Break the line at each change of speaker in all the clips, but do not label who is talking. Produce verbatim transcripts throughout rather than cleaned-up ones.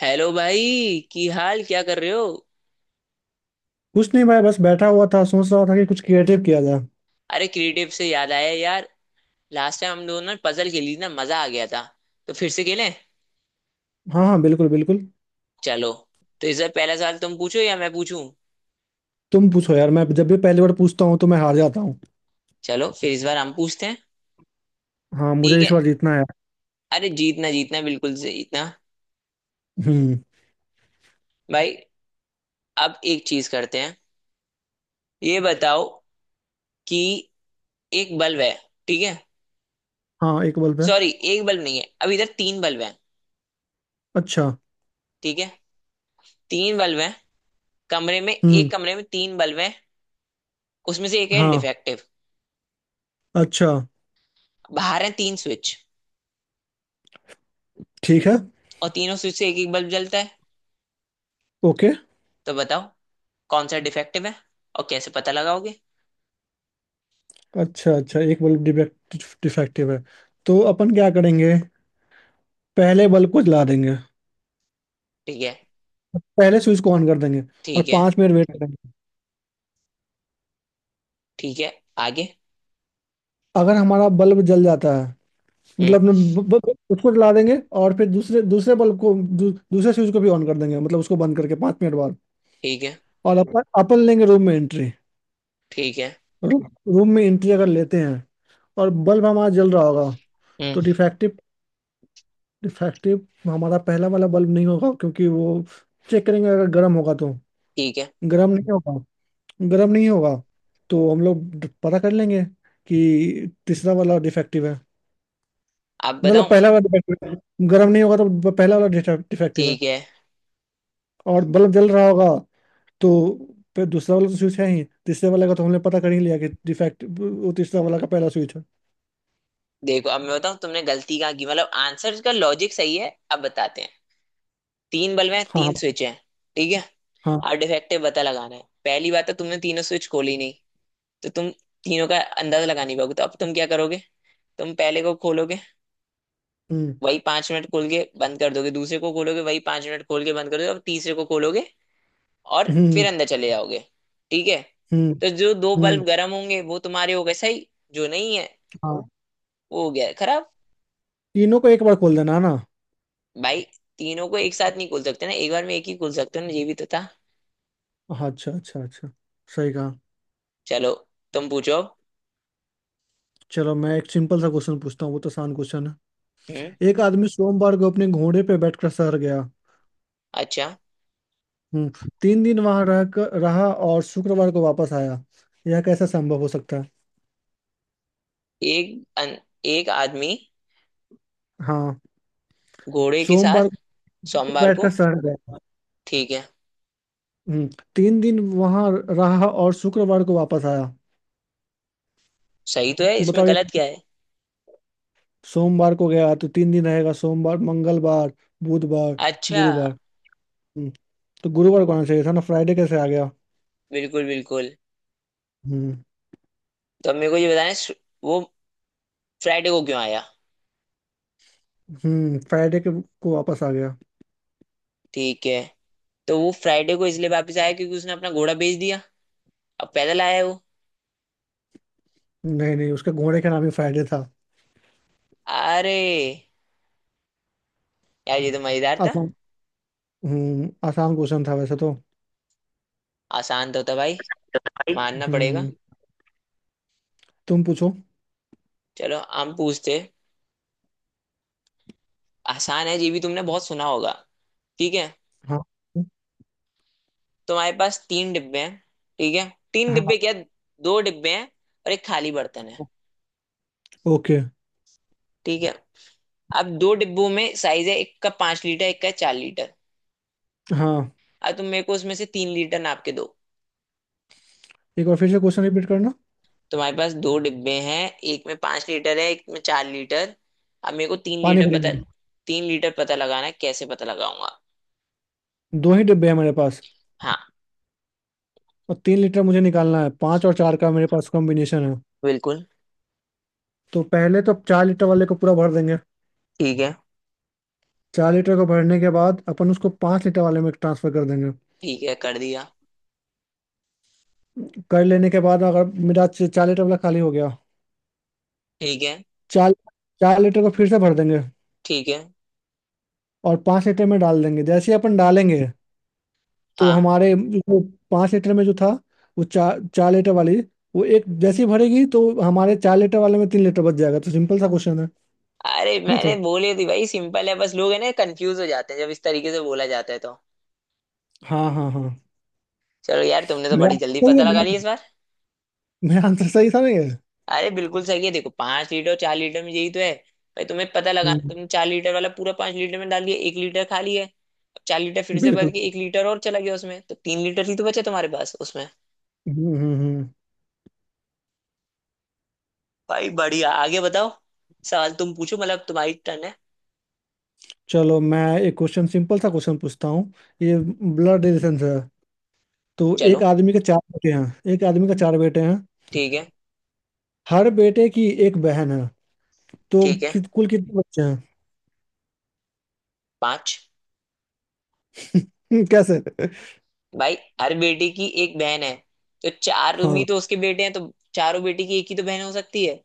Hello भाई, की हाल क्या कर रहे हो?
कुछ नहीं भाई, बस बैठा हुआ था, सोच रहा था कि कुछ क्रिएटिव किया जाए।
अरे, क्रिएटिव से याद आया यार। लास्ट टाइम हम दोनों ने पजल खेली ना, मजा आ गया था। तो फिर से खेलें?
हाँ हाँ, बिल्कुल बिल्कुल।
चलो। तो इस बार पहला सवाल तुम पूछो या मैं पूछूं?
तुम पूछो यार, मैं जब भी पहली बार पूछता हूँ तो मैं हार जाता हूँ।
चलो, फिर इस बार हम पूछते हैं।
हाँ, मुझे
ठीक है।
इस बार जीतना है यार।
अरे जीतना जीतना, बिल्कुल से जीतना।
हम्म।
भाई। अब एक चीज करते हैं। ये बताओ, कि एक बल्ब है। ठीक है।
हाँ, एक बल्ब है।
सॉरी, एक बल्ब नहीं है, अब इधर तीन बल्ब है।
अच्छा।
ठीक है। तीन बल्ब है। कमरे में
हम्म।
एक कमरे में तीन बल्ब है। उसमें से एक है
हाँ।
डिफेक्टिव।
अच्छा।
बाहर है तीन स्विच।
ठीक है।
और तीनों स्विच से एक एक बल्ब जलता है।
ओके।
तो बताओ, कौन सा डिफेक्टिव है और कैसे पता लगाओगे?
अच्छा अच्छा, एक बल्ब डिफेक्ट डिफेक्टिव है। तो अपन क्या करेंगे? पहले बल्ब को जला देंगे।
ठीक है।
पहले स्विच को ऑन कर देंगे। और
ठीक है।
पाँच मिनट वेट करेंगे।
ठीक है। आगे।
अगर हमारा बल्ब जल जाता है,
हम्म।
मतलब न- ब- ब- उसको जला देंगे और फिर दूसरे दूसरे बल्ब को दू, दूसरे स्विच को भी ऑन कर देंगे, मतलब उसको बंद करके पाँच मिनट बाद।
ठीक है।
और अपन अपन लेंगे रूम में एंट्री।
ठीक है।
रूम रूम में एंट्री अगर लेते हैं और बल्ब हमारा जल रहा होगा, तो
हम्म।
डिफेक्टिव डिफेक्टिव हमारा पहला वाला बल्ब नहीं होगा, क्योंकि वो चेक करेंगे अगर गर्म होगा तो।
ठीक है।
गर्म नहीं होगा, गर्म नहीं होगा तो हम लोग पता कर लेंगे कि तीसरा वाला डिफेक्टिव है।
अब
मतलब
बताऊं?
पहला वाला डिफेक्टिव है, गर्म नहीं होगा तो पहला वाला डिफेक्टिव है।
ठीक है।
और बल्ब जल रहा होगा तो फिर दूसरा वाला तो स्विच है ही, तीसरे वाले का तो हमने पता कर ही लिया कि डिफेक्ट, वो तीसरा वाला का पहला स्विच है।
देखो, अब मैं बताऊं तुमने गलती कहाँ की। मतलब आंसर का लॉजिक सही है, अब बताते हैं। तीन बल्ब हैं,
हाँ हाँ
तीन स्विच हैं। ठीक है।
हाँ।
और डिफेक्टिव पता लगाना है। पहली बात तो, तुमने तीनों स्विच खोली नहीं। तो तुम तीनों का अंदाजा लगा नहीं पाओगे। तो अब तुम क्या करोगे? तुम पहले को खोलोगे।
हम्म
वही पांच मिनट खोल के बंद कर दोगे, दूसरे को खोलोगे, वही पांच मिनट खोल के बंद कर दोगे, और तीसरे को खोलोगे। और फिर
हम्म
अंदर चले जाओगे। ठीक है।
हम्म।
तो जो दो
हम्म।
बल्ब गर्म होंगे वो तुम्हारे हो गए सही। जो नहीं है,
हाँ।
वो हो गया खराब।
तीनों को एक बार खोल देना है ना?
भाई, तीनों को एक साथ नहीं खोल सकते ना, एक बार में एक ही खोल सकते हो ना, ये भी तो था।
हाँ, अच्छा अच्छा अच्छा। सही कहा।
चलो, तुम पूछो अब।
चलो, मैं एक सिंपल सा क्वेश्चन पूछता हूँ, वो तो आसान क्वेश्चन है।
हम्म।
एक आदमी सोमवार को अपने घोड़े पे बैठकर शहर गया।
अच्छा,
हम्म। तीन दिन वहां रह कर रहा और शुक्रवार को वापस आया। यह कैसा संभव हो सकता है?
एक अन, एक आदमी
हाँ।
घोड़े के
सोमवार
साथ
को
सोमवार को।
बैठकर शहर गया।
ठीक है।
हम्म, तीन दिन वहां रहा और शुक्रवार को वापस आया।
सही तो है, इसमें
बताओ ये।
गलत क्या है?
सोमवार को गया तो तीन दिन रहेगा, सोमवार, मंगलवार, बुधवार,
अच्छा।
गुरुवार। हम्म, तो गुरुवार को आना चाहिए था ना, फ्राइडे कैसे आ गया?
बिल्कुल बिल्कुल।
हम्म।
तो अब मेरे को ये बताना है, वो फ्राइडे को क्यों आया।
हम्म फ्राइडे के को वापस आ गया।
ठीक है। तो वो फ्राइडे को इसलिए वापस आया क्योंकि उसने अपना घोड़ा बेच दिया। अब पैदल आया है वो।
नहीं नहीं, उसके घोड़े का नाम ही फ्राइडे था।
अरे, यार ये तो मजेदार था।
आसान। हम्म आसान क्वेश्चन था वैसे तो।
आसान तो था भाई। मानना पड़ेगा।
हम्म। तुम पूछो।
चलो, हम पूछते। आसान है, ये भी तुमने बहुत सुना होगा। ठीक है।
हाँ
तुम्हारे पास तीन डिब्बे हैं। ठीक है। तीन
हाँ।
डिब्बे क्या, दो डिब्बे हैं। और एक खाली बर्तन है।
ओके।
ठीक है। अब दो डिब्बों में साइज है, एक का पांच लीटर, एक का चार लीटर।
हाँ।
अब तुम मेरे को उसमें से तीन लीटर नाप के दो।
एक बार फिर से क्वेश्चन रिपीट करना।
तुम्हारे पास दो डिब्बे हैं। एक में पांच लीटर है, एक में चार लीटर। अब मेरे को तीन
पानी
लीटर पता,
भरेंगे।
तीन लीटर पता लगाना है, कैसे पता लगाऊंगा?
दो ही डिब्बे हैं मेरे पास
हाँ,
और तीन लीटर मुझे निकालना है। पाँच और चार का मेरे पास कॉम्बिनेशन है।
बिल्कुल।
तो पहले तो चार लीटर वाले को पूरा भर देंगे।
ठीक है।
चार लीटर को भरने के बाद अपन उसको पाँच लीटर वाले में ट्रांसफर कर देंगे।
ठीक है, कर दिया।
कर लेने के बाद अगर मेरा च- चार लीटर वाला खाली हो गया।
ठीक है।
चार चार लीटर को फिर से भर देंगे
ठीक है।
और पाँच लीटर में डाल देंगे। जैसे ही अपन डालेंगे, तो
हाँ।
हमारे जो पाँच लीटर में जो था, वो चार चार लीटर वाली, वो एक जैसी भरेगी तो हमारे चार लीटर वाले में तीन लीटर बच जाएगा, तो सिंपल सा क्वेश्चन है।
अरे
ये
मैंने
तो।
बोली थी भाई, सिंपल है, बस लोग है ना कंफ्यूज हो जाते हैं जब इस तरीके से बोला जाता है तो।
हाँ हाँ हाँ।
चलो यार, तुमने तो
मेरा
बड़ी जल्दी
सही
पता लगा
है,
ली इस बार।
मेरा आंसर सही था ना ये?
अरे बिल्कुल सही है। देखो, पांच लीटर और चार लीटर में यही तो है। भाई तुम्हें पता लगाना,
हम्म।
तुमने चार लीटर वाला पूरा पांच लीटर में डाल दिया, एक लीटर खाली है। चार लीटर फिर से भर
बिल्कुल।
के एक लीटर और चला गया उसमें, तो तीन लीटर ही तो बचे तुम्हारे पास उसमें।
हम्म हम्म हम्म।
भाई बढ़िया, आगे बताओ। सवाल तुम पूछो, मतलब तुम्हारी टर्न है।
चलो, मैं एक क्वेश्चन सिंपल सा क्वेश्चन पूछता हूँ। ये ब्लड रिलेशन है तो। एक
चलो।
आदमी के चार बेटे हैं एक आदमी के चार बेटे हैं।
ठीक है।
हर बेटे की एक बहन है। तो
ठीक है।
कि, कुल कितने बच्चे
पांच।
हैं? कैसे?
भाई, हर बेटे की एक बहन है। तो चार भी
हाँ
तो उसके बेटे हैं, तो चारों बेटे की एक ही तो बहन हो सकती है।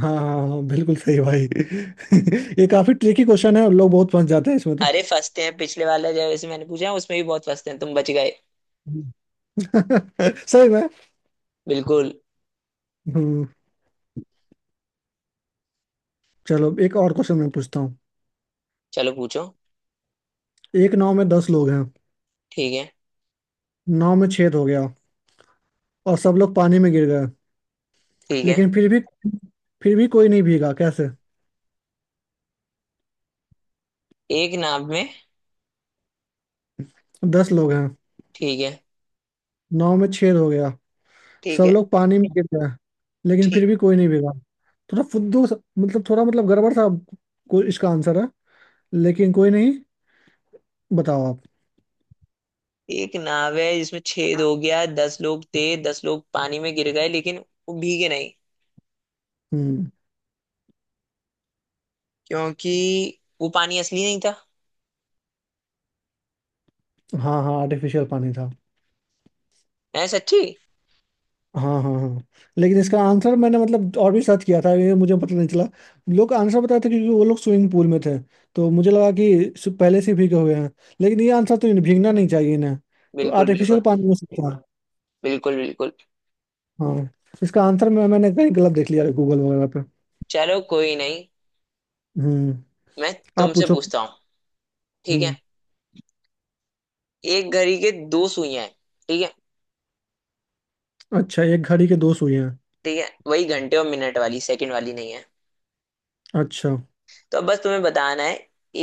हाँ हाँ हाँ, बिल्कुल सही भाई। ये काफी ट्रिकी क्वेश्चन है, लोग बहुत फंस जाते हैं इसमें तो।
अरे फंसते हैं, पिछले वाला जैसे मैंने पूछा है, उसमें भी बहुत फंसते हैं, तुम बच गए।
सही में।
बिल्कुल।
हम्म। चलो एक और क्वेश्चन मैं पूछता हूँ।
चलो पूछो।
एक नाव में दस लोग हैं।
ठीक है।
नाव में छेद हो गया और सब लोग पानी में गिर गए,
ठीक है।
लेकिन फिर भी फिर भी कोई नहीं भीगा, कैसे?
एक नाव में।
दस लोग हैं।
ठीक है।
नाव में छेद हो गया।
ठीक
सब
है।
लोग पानी में गिर गए, लेकिन फिर
ठीक।
भी कोई नहीं भीगा। थोड़ा फुद्दू सा- मतलब थोड़ा, मतलब गड़बड़ सा। कोई इसका आंसर है, लेकिन कोई नहीं। बताओ आप।
एक नाव है जिसमें छेद हो गया, दस लोग थे, दस लोग पानी में गिर गए, लेकिन वो भीगे नहीं।
हम्म।
क्योंकि वो पानी असली नहीं था।
हाँ हाँ, आर्टिफिशियल पानी था।
है सच्ची?
हाँ हाँ हाँ। लेकिन इसका आंसर मैंने, मतलब और भी सर्च किया था, ये मुझे पता नहीं चला। लोग आंसर बताए थे क्योंकि वो लोग स्विमिंग पूल में थे, तो मुझे लगा कि सु- पहले से भीगे हुए हैं। लेकिन ये आंसर तो इन्हें भीगना नहीं चाहिए इन्हें। तो
बिल्कुल
आर्टिफिशियल
बिल्कुल।
पानी में से था।
बिल्कुल बिल्कुल।
हाँ। इसका आंसर मैं मैंने कहीं गलत देख लिया है, गूगल वगैरह पे।
चलो, कोई नहीं।
हम्म।
मैं
आप
तुमसे
पूछो।
पूछता हूँ। ठीक है।
हम्म।
एक घड़ी के दो सुइयां हैं। ठीक है।
अच्छा, एक घड़ी के दो सुइयां।
ठीक है, वही घंटे और मिनट वाली, सेकंड वाली नहीं है।
अच्छा।
तो अब बस तुम्हें बताना है,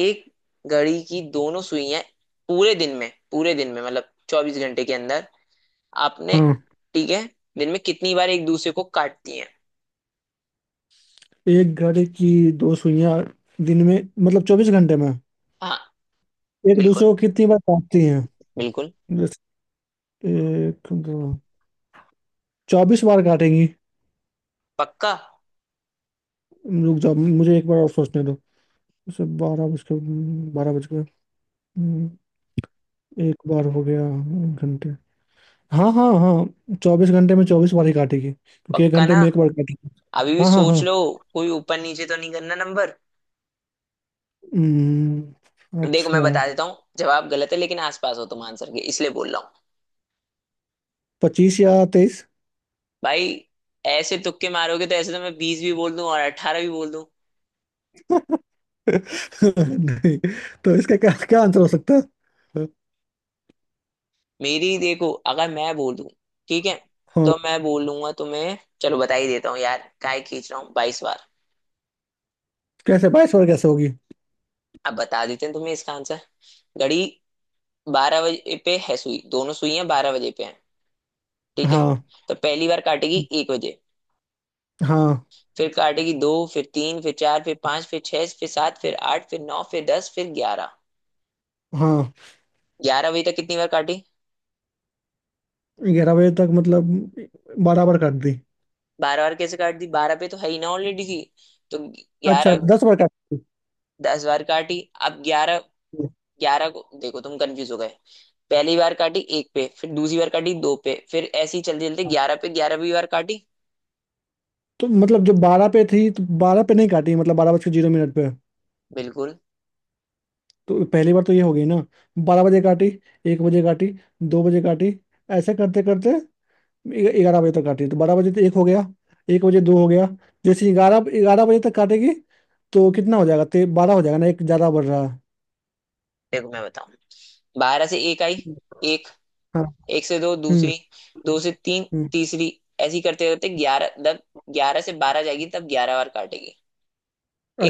एक घड़ी की दोनों सुइयां पूरे दिन में, पूरे दिन में मतलब चौबीस घंटे के अंदर, आपने।
हाँ,
ठीक है। दिन में कितनी बार एक दूसरे को काटती हैं?
एक घड़ी की दो सुइयां दिन में, मतलब चौबीस घंटे में
हाँ,
एक
बिल्कुल।
दूसरे को कितनी बार काटती हैं?
बिल्कुल।
जैसे एक, दो, चौबीस बार काटेंगी।
पक्का?
रुक जाओ, मुझे एक बार और सोचने दो। जैसे बारह बज के बारह बज गए। हम्म, एक बार हो गया एक घंटे। हाँ हाँ हाँ, चौबीस घंटे में चौबीस बार ही काटेगी क्योंकि एक
पक्का
घंटे
ना?
में एक बार काटेगी।
अभी भी
हाँ हाँ
सोच
हाँ।
लो। कोई ऊपर नीचे तो नहीं करना नंबर?
हम्म,
देखो मैं
अच्छा।
बता देता हूँ, जवाब गलत है लेकिन आसपास हो तुम आंसर के, इसलिए बोल रहा हूँ।
पच्चीस या तेईस।
भाई, ऐसे तुक्के मारोगे तो ऐसे तो मैं बीस भी बोल दूं और अठारह भी बोल दूं।
नहीं। तो इसका क्या क्या आंसर हो सकता है?
मेरी ही देखो, अगर मैं बोल दूं। ठीक है।
हाँ।
तो मैं बोलूंगा तुम्हें, चलो बता ही देता हूँ यार, काय खींच रहा हूँ, बाईस बार।
कैसे बाईस और कैसे होगी?
अब बता देते हैं तुम्हें इसका आंसर। घड़ी बारह बजे पे है सुई, दोनों सुइयां बारह बजे पे हैं। ठीक है।
हाँ
तो पहली बार काटेगी एक बजे।
हाँ
फिर काटेगी दो, फिर तीन, फिर चार, फिर पांच, फिर छह, फिर सात, फिर आठ, फिर नौ, फिर दस, फिर ग्यारह।
हाँ।
ग्यारह बजे तक कितनी बार काटी?
ग्यारह बजे तक मतलब बराबर कर दी।
बारह बार कैसे काट दी? बारह पे तो है ही ना, ऑलरेडी थी। तो
अच्छा,
ग्यारह।
दस बार काटी।
दस बार काटी। अब ग्यारह। ग्यारह को देखो, तुम कंफ्यूज हो गए। पहली बार काटी एक पे, फिर दूसरी बार काटी दो पे, फिर ऐसे ही चलते चलते
हाँ,
ग्यारह पे ग्यारहवीं बार काटी।
तो मतलब जो बारह पे थी, तो बारह पे नहीं काटी, मतलब बारह बज के जीरो मिनट पे।
बिल्कुल।
तो पहली बार तो ये हो गई ना। बारह बजे काटी, एक बजे काटी, दो बजे काटी, ऐसे करते करते ग्यारह बजे तक काटी तो बारह बजे तो एक हो गया, एक बजे दो हो गया। जैसे ग्यारह ग्यारह बजे तक काटेगी तो कितना हो जाएगा? ते बारह हो जाएगा ना, एक ज्यादा बढ़ रहा है।
देखो मैं बताऊं। बारह से एक आई। एक।
हाँ।
एक से दो,
हम्म
दूसरी। दो से तीन।
हम्म।
तीसरी। ऐसी करते करते ग्यारह, जब ग्यारह से बारह जाएगी, तब ग्यारह बार काटेगी।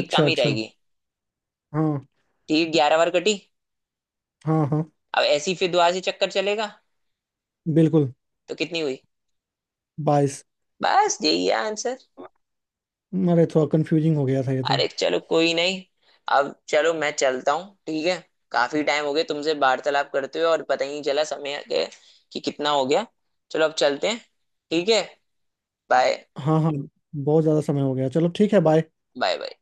एक कम ही
अच्छा।
रहेगी।
हाँ
ठीक है, ग्यारह बार कटी।
हाँ हाँ।
अब ऐसी फिर दोबारा से चक्कर चलेगा।
बिल्कुल।
तो कितनी हुई?
बाईस।
बस यही है आंसर।
अरे थोड़ा कंफ्यूजिंग हो गया था ये तो।
अरे चलो, कोई नहीं। अब चलो, मैं चलता हूँ, ठीक है। काफी टाइम हो गया तुमसे वार्तालाप करते हुए, और पता ही नहीं चला समय के कि कितना हो गया। चलो, अब चलते हैं। ठीक है। बाय।
हाँ हाँ। बहुत ज्यादा समय हो गया, चलो ठीक है, बाय।
Bye bye.